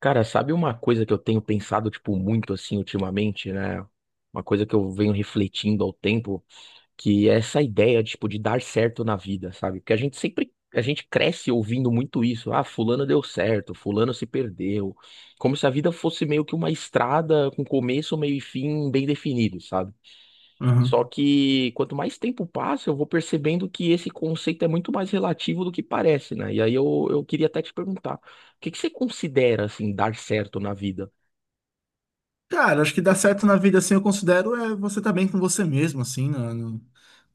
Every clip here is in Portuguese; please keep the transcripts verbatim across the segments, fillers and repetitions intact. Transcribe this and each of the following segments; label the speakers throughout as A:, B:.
A: Cara, sabe uma coisa que eu tenho pensado, tipo, muito assim ultimamente, né? Uma coisa que eu venho refletindo ao tempo, que é essa ideia, tipo, de dar certo na vida, sabe? Porque a gente sempre, a gente cresce ouvindo muito isso. Ah, fulano deu certo, fulano se perdeu. Como se a vida fosse meio que uma estrada com começo, meio e fim bem definido, sabe? Só
B: Aham.
A: que quanto mais tempo passa, eu vou percebendo que esse conceito é muito mais relativo do que parece, né? E aí eu, eu queria até te perguntar, o que que você considera, assim, dar certo na vida?
B: Cara, acho que dar certo na vida, assim, eu considero é você estar bem com você mesmo, assim, na- no-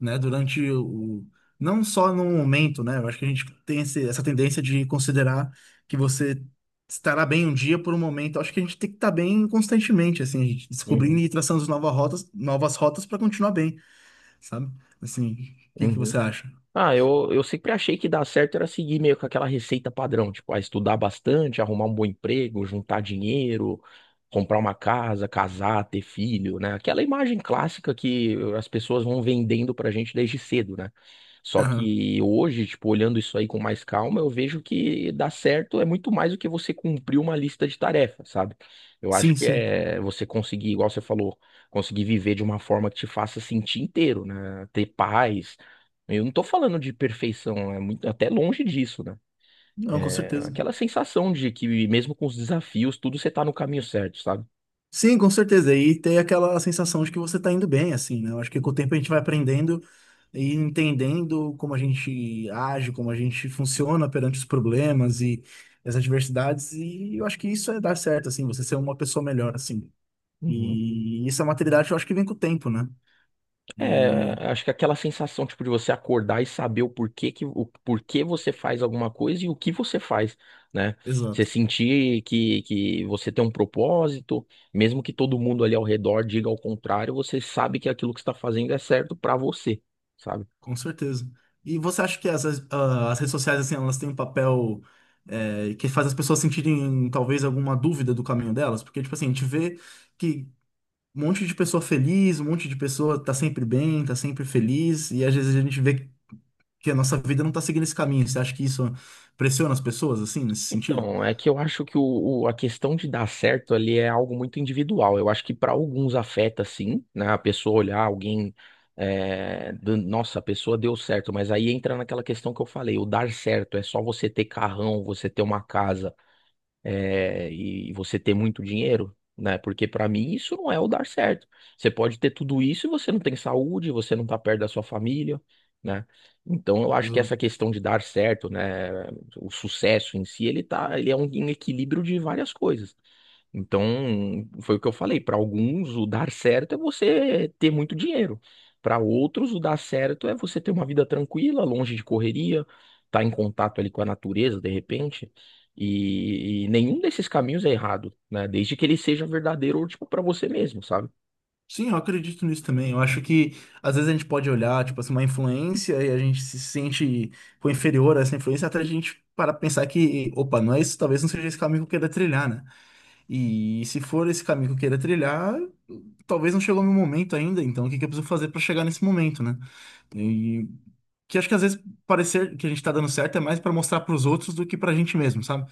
B: né, durante o... Não só no momento, né? Eu acho que a gente tem esse- essa tendência de considerar que você estará bem um dia por um momento. Eu acho que a gente tem que estar bem constantemente, assim, a gente descobrindo
A: Uhum.
B: e traçando as novas rotas, novas rotas para continuar bem, sabe? Assim, o que que
A: Hum.
B: você acha?
A: Ah, eu, eu sempre achei que dar certo era seguir meio com aquela receita padrão, tipo, ah, estudar bastante, arrumar um bom emprego, juntar dinheiro, comprar uma casa, casar, ter filho, né? Aquela imagem clássica que as pessoas vão vendendo pra gente desde cedo, né? Só
B: Aham.
A: que hoje, tipo, olhando isso aí com mais calma, eu vejo que dar certo é muito mais do que você cumprir uma lista de tarefas, sabe? Eu acho
B: Sim,
A: que
B: sim.
A: é você conseguir, igual você falou, conseguir viver de uma forma que te faça sentir inteiro, né? Ter paz, eu não tô falando de perfeição, é muito, até longe disso, né?
B: Não, com
A: É
B: certeza.
A: aquela sensação de que mesmo com os desafios, tudo você tá no caminho certo, sabe?
B: Sim, com certeza. E tem aquela sensação de que você está indo bem, assim, né? Eu acho que com o tempo a gente vai aprendendo e entendendo como a gente age, como a gente funciona perante os problemas e as adversidades, e eu acho que isso é dar certo, assim, você ser uma pessoa melhor, assim.
A: Uhum.
B: E isso é uma maturidade, eu acho que vem com o tempo, né? E
A: É, acho que aquela sensação, tipo, de você acordar e saber o porquê que, o porquê você faz alguma coisa e o que você faz, né? Você
B: exato,
A: sentir que, que você tem um propósito, mesmo que todo mundo ali ao redor diga ao contrário, você sabe que aquilo que você tá fazendo é certo pra você, sabe?
B: com certeza. E você acha que as, as, ah, as redes sociais, assim, elas têm um papel eh, que faz as pessoas sentirem talvez alguma dúvida do caminho delas? Porque, tipo assim, a gente vê que um monte de pessoa feliz, um monte de pessoa tá sempre bem, tá sempre feliz, e às vezes a gente vê que a nossa vida não tá seguindo esse caminho. Você acha que isso pressiona as pessoas, assim, nesse sentido?
A: Então, é que eu acho que o, o- a questão de dar certo ali é algo muito individual. Eu acho que para alguns afeta sim, né? A pessoa olhar alguém, é, do- nossa, a pessoa deu certo, mas aí entra naquela questão que eu falei, o dar certo é só você ter carrão, você ter uma casa é, e você ter muito dinheiro, né? Porque para mim isso não é o dar certo. Você pode ter tudo isso e você não tem saúde, você não tá perto da sua família, né? Então eu acho que
B: Exato.
A: essa questão de dar certo, né, o sucesso em si, ele tá, ele é um equilíbrio de várias coisas. Então, foi o que eu falei. Para alguns, o dar certo é você ter muito dinheiro. Para outros, o dar certo é você ter uma vida tranquila, longe de correria, estar em contato ali com a natureza, de repente. E, e nenhum desses caminhos é errado, né? Desde que ele seja verdadeiro, tipo, para você mesmo, sabe?
B: Sim, eu acredito nisso também. Eu acho que às vezes a gente pode olhar, tipo assim, uma influência e a gente se sente com inferior a essa influência até a gente parar pensar que, opa, não é isso, talvez não seja esse caminho que eu queira trilhar, né? E se for esse caminho que eu queira trilhar, talvez não chegou o meu momento ainda, então o que que eu preciso fazer para chegar nesse momento, né? E que acho que às vezes parecer que a gente tá dando certo é mais para mostrar para os outros do que pra gente mesmo, sabe?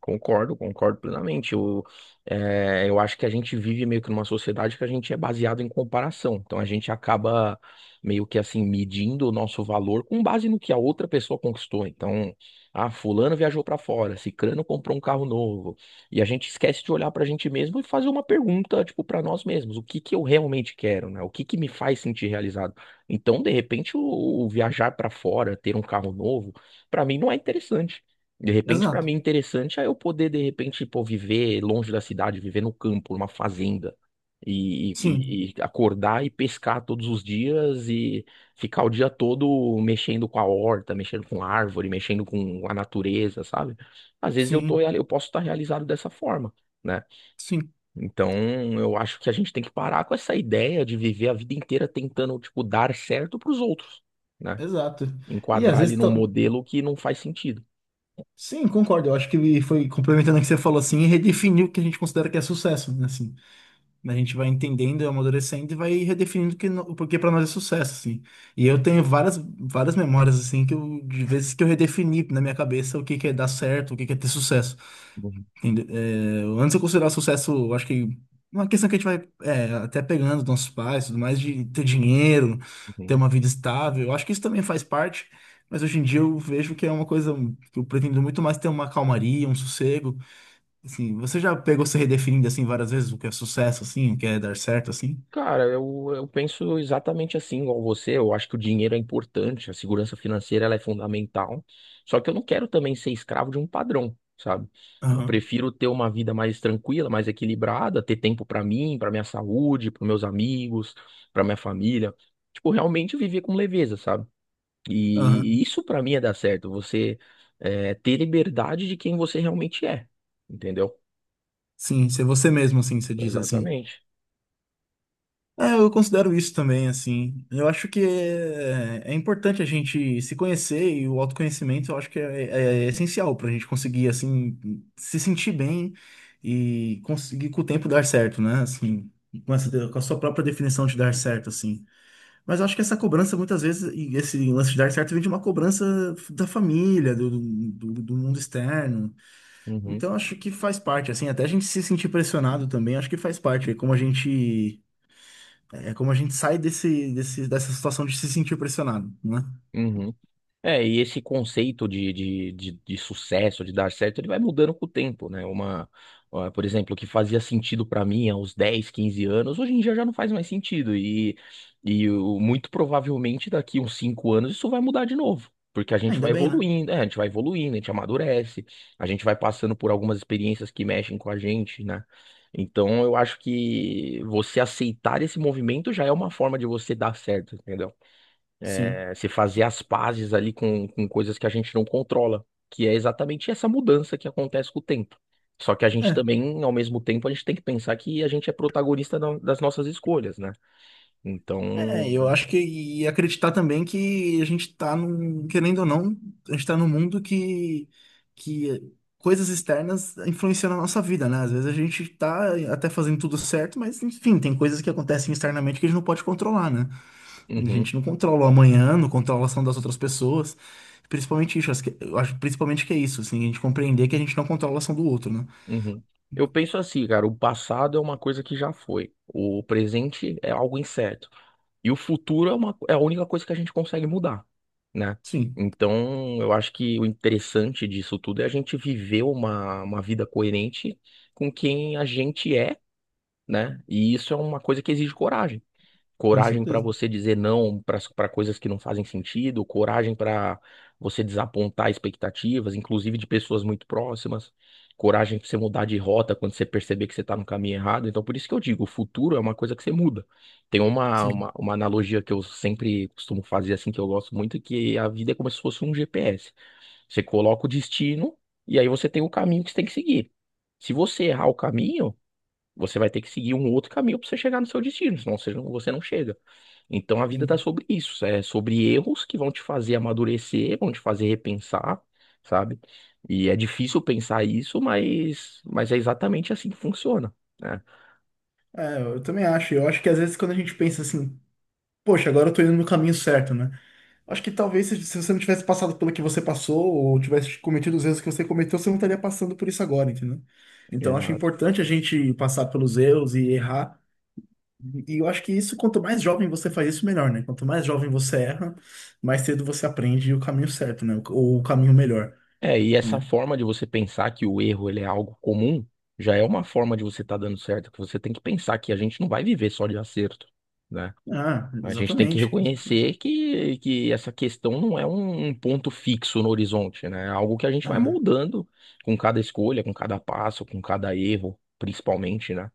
A: Concordo, concordo plenamente. Eu, eh, eu acho que a gente vive meio que numa sociedade que a gente é baseado em comparação. Então a gente acaba meio que assim medindo o nosso valor com base no que a outra pessoa conquistou. Então, ah, fulano viajou para fora, cicrano comprou um carro novo. E a gente esquece de olhar para a gente mesmo e fazer uma pergunta, tipo, para nós mesmos, o que que eu realmente quero, né? O que que me faz sentir realizado? Então, de repente, o, o viajar para fora, ter um carro novo, para mim não é interessante. De repente, pra mim,
B: Exato.
A: interessante é eu poder, de repente, pô, viver longe da cidade, viver no campo, numa fazenda, e,
B: Sim.
A: e- e acordar e pescar todos os dias e ficar o dia todo mexendo com a horta, mexendo com a árvore, mexendo com a natureza, sabe? Às vezes eu tô,
B: Sim,
A: real- eu posso estar realizado dessa forma, né?
B: sim,
A: Então, eu acho que a gente tem que parar com essa ideia de viver a vida inteira tentando, tipo, dar certo pros outros, né?
B: exato. E às
A: Enquadrar ele
B: vezes,
A: num
B: tá-
A: modelo que não faz sentido.
B: sim, concordo. Eu acho que foi complementando o que você falou assim, redefiniu o que a gente considera que é sucesso, né? Assim, né, a gente vai entendendo, é amadurecendo e vai redefinindo o que no- o porquê para nós é sucesso, assim. E eu tenho várias, várias memórias assim que eu, de vezes que eu redefini na minha cabeça o que que é dar certo, o que que é ter sucesso.
A: Uhum.
B: Inde- é, antes eu considerar sucesso, eu acho que uma questão que a gente vai é, até pegando dos nossos pais, tudo mais, de ter dinheiro, ter
A: Uhum.
B: uma vida estável, eu acho que isso também faz parte, mas hoje em dia eu vejo que é uma coisa que eu pretendo muito mais ter uma calmaria, um sossego. Assim, você já pegou se redefinindo assim várias vezes o que é sucesso, assim, o que é dar certo, assim?
A: Cara, eu, eu penso exatamente assim, igual você. Eu acho que o dinheiro é importante, a segurança financeira ela é fundamental. Só que eu não quero também ser escravo de um padrão, sabe? Eu
B: Aham,
A: prefiro ter uma vida mais tranquila, mais equilibrada, ter tempo pra mim, pra minha saúde, para meus amigos, pra minha família. Tipo, realmente viver com leveza, sabe?
B: aham.
A: E, isso pra mim é dar certo. Você é, ter liberdade de quem você realmente é, entendeu?
B: Sim, ser você mesmo, assim, você diz assim.
A: Exatamente.
B: É, eu considero isso também, assim. Eu acho que é, é importante a gente se conhecer e o autoconhecimento eu acho que é, é- é essencial para a gente conseguir, assim, se sentir bem e conseguir com o tempo dar certo, né? Assim, com essa,
A: Uhum,
B: com a sua própria definição de dar certo, assim. Mas eu acho que essa cobrança, muitas vezes, e esse lance de dar certo vem de uma cobrança da família, do, do, do mundo externo.
A: uhum,
B: Então, acho que faz parte, assim, até a gente se sentir pressionado também, acho que faz parte. Como a gente. É é como a gente sai desse, desse, dessa situação de se sentir pressionado, né?
A: uhum. É, e esse conceito de, de, de, de sucesso, de dar certo, ele vai mudando com o tempo, né? Uma, ah, por exemplo, o que fazia sentido pra mim há uns dez, quinze anos, hoje em dia já não faz mais sentido. E, e o- muito provavelmente daqui uns cinco anos isso vai mudar de novo. Porque a gente vai
B: Ainda bem, né?
A: evoluindo, é, a gente vai evoluindo, a gente amadurece, a gente vai passando por algumas experiências que mexem com a gente, né? Então eu acho que você aceitar esse movimento já é uma forma de você dar certo, entendeu?
B: Sim.
A: É, se fazer as pazes ali com, com coisas que a gente não controla, que é exatamente essa mudança que acontece com o tempo. Só que a gente
B: É.
A: também, ao mesmo tempo, a gente tem que pensar que a gente é protagonista da- das nossas escolhas, né?
B: É, eu
A: Então,
B: acho que e acreditar também que a gente tá num, querendo ou não, a gente tá num mundo que, que coisas externas influenciam na nossa vida, né? Às vezes a gente tá até fazendo tudo certo, mas enfim, tem coisas que acontecem externamente que a gente não pode controlar, né? A
A: uhum,
B: gente não controla o amanhã, não controla a ação das outras pessoas. Principalmente isso, acho que, eu acho principalmente que é isso, assim, a gente compreender que a gente não controla a ação do outro, né?
A: uhum. Eu penso assim, cara, o passado é uma coisa que já foi, o presente é algo incerto. E o futuro é uma, é a única coisa que a gente consegue mudar, né?
B: Sim.
A: Então, eu acho que o interessante disso tudo é a gente viver uma, uma vida coerente com quem a gente é, né? E isso é uma coisa que exige coragem
B: Com
A: coragem para
B: certeza.
A: você dizer não para coisas que não fazem sentido, coragem para você desapontar expectativas, inclusive de pessoas muito próximas, coragem para você mudar de rota quando você perceber que você está no caminho errado. Então, por isso que eu digo, o futuro é uma coisa que você muda. Tem uma,
B: Sim,
A: uma, uma analogia que eu sempre costumo fazer, assim, que eu gosto muito, que a vida é como se fosse um G P S. Você coloca o destino e aí você tem o caminho que você tem que seguir. Se você errar o caminho, você vai ter que seguir um outro caminho para você chegar no seu destino, senão você não, você não chega. Então a vida tá
B: sim.
A: sobre isso, é sobre erros que vão te fazer amadurecer, vão te fazer repensar, sabe? E é difícil pensar isso, mas, mas é exatamente assim que funciona, né?
B: É, eu também acho. Eu acho que às vezes quando a gente pensa assim, poxa, agora eu tô indo no caminho certo, né? Acho que talvez se se você não tivesse passado pelo que você passou, ou tivesse cometido os erros que você cometeu, você não estaria passando por isso agora, entendeu? Então acho
A: Exato.
B: importante a gente passar pelos erros e errar. E eu acho que isso, quanto mais jovem você faz isso, melhor, né? Quanto mais jovem você erra, mais cedo você aprende o caminho certo, né? Ou o caminho melhor,
A: É, e essa
B: né?
A: forma de você pensar que o erro ele é algo comum, já é uma forma de você estar dando certo, que você tem que pensar que a gente não vai viver só de acerto, né?
B: Ah,
A: A gente tem que
B: exatamente.
A: reconhecer que, que essa questão não é um, um ponto fixo no horizonte, né? É algo que a gente vai
B: Ah,
A: moldando com cada escolha, com cada passo, com cada erro, principalmente, né?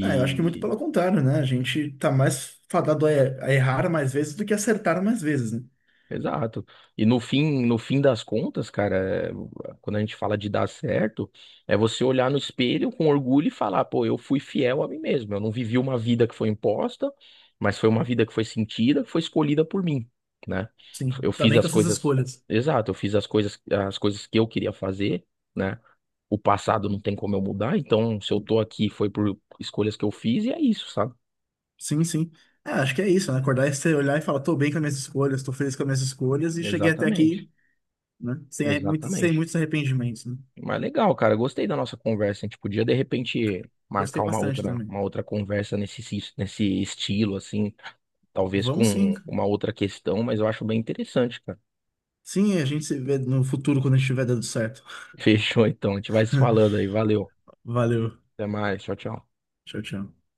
B: Ah, eu acho que muito pelo contrário, né? A gente tá mais fadado a er- a errar mais vezes do que acertar mais vezes, né?
A: Exato. E no fim, no fim das contas, cara, é, quando a gente fala de dar certo, é você olhar no espelho com orgulho e falar, pô, eu fui fiel a mim mesmo. Eu não vivi uma vida que foi imposta, mas foi uma vida que foi sentida, que foi escolhida por mim, né?
B: Sim,
A: Eu
B: tá
A: fiz
B: bem com
A: as
B: as suas
A: coisas,
B: escolhas.
A: exato, eu fiz as coisas, as coisas que eu queria fazer, né? O passado não tem como eu mudar, então se eu tô aqui foi por escolhas que eu fiz e é isso, sabe?
B: Sim, sim. É, acho que é isso, né? Acordar e você olhar e falar, tô bem com as minhas escolhas, tô feliz com as minhas escolhas e cheguei até
A: Exatamente.
B: aqui, né? Sem, arre- muito, sem
A: Exatamente.
B: muitos arrependimentos, né?
A: Mas legal, cara. Gostei da nossa conversa. A gente podia, de repente, marcar
B: Gostei
A: uma
B: bastante
A: outra,
B: também.
A: uma outra conversa nesse, sis- nesse estilo, assim, talvez
B: Vamos sim.
A: com uma outra questão, mas eu acho bem interessante, cara.
B: Sim, a gente se vê no futuro quando a gente estiver dando certo.
A: Fechou, então. A gente vai se falando aí. Valeu.
B: Valeu.
A: Até mais. Tchau, tchau.
B: Tchau, tchau.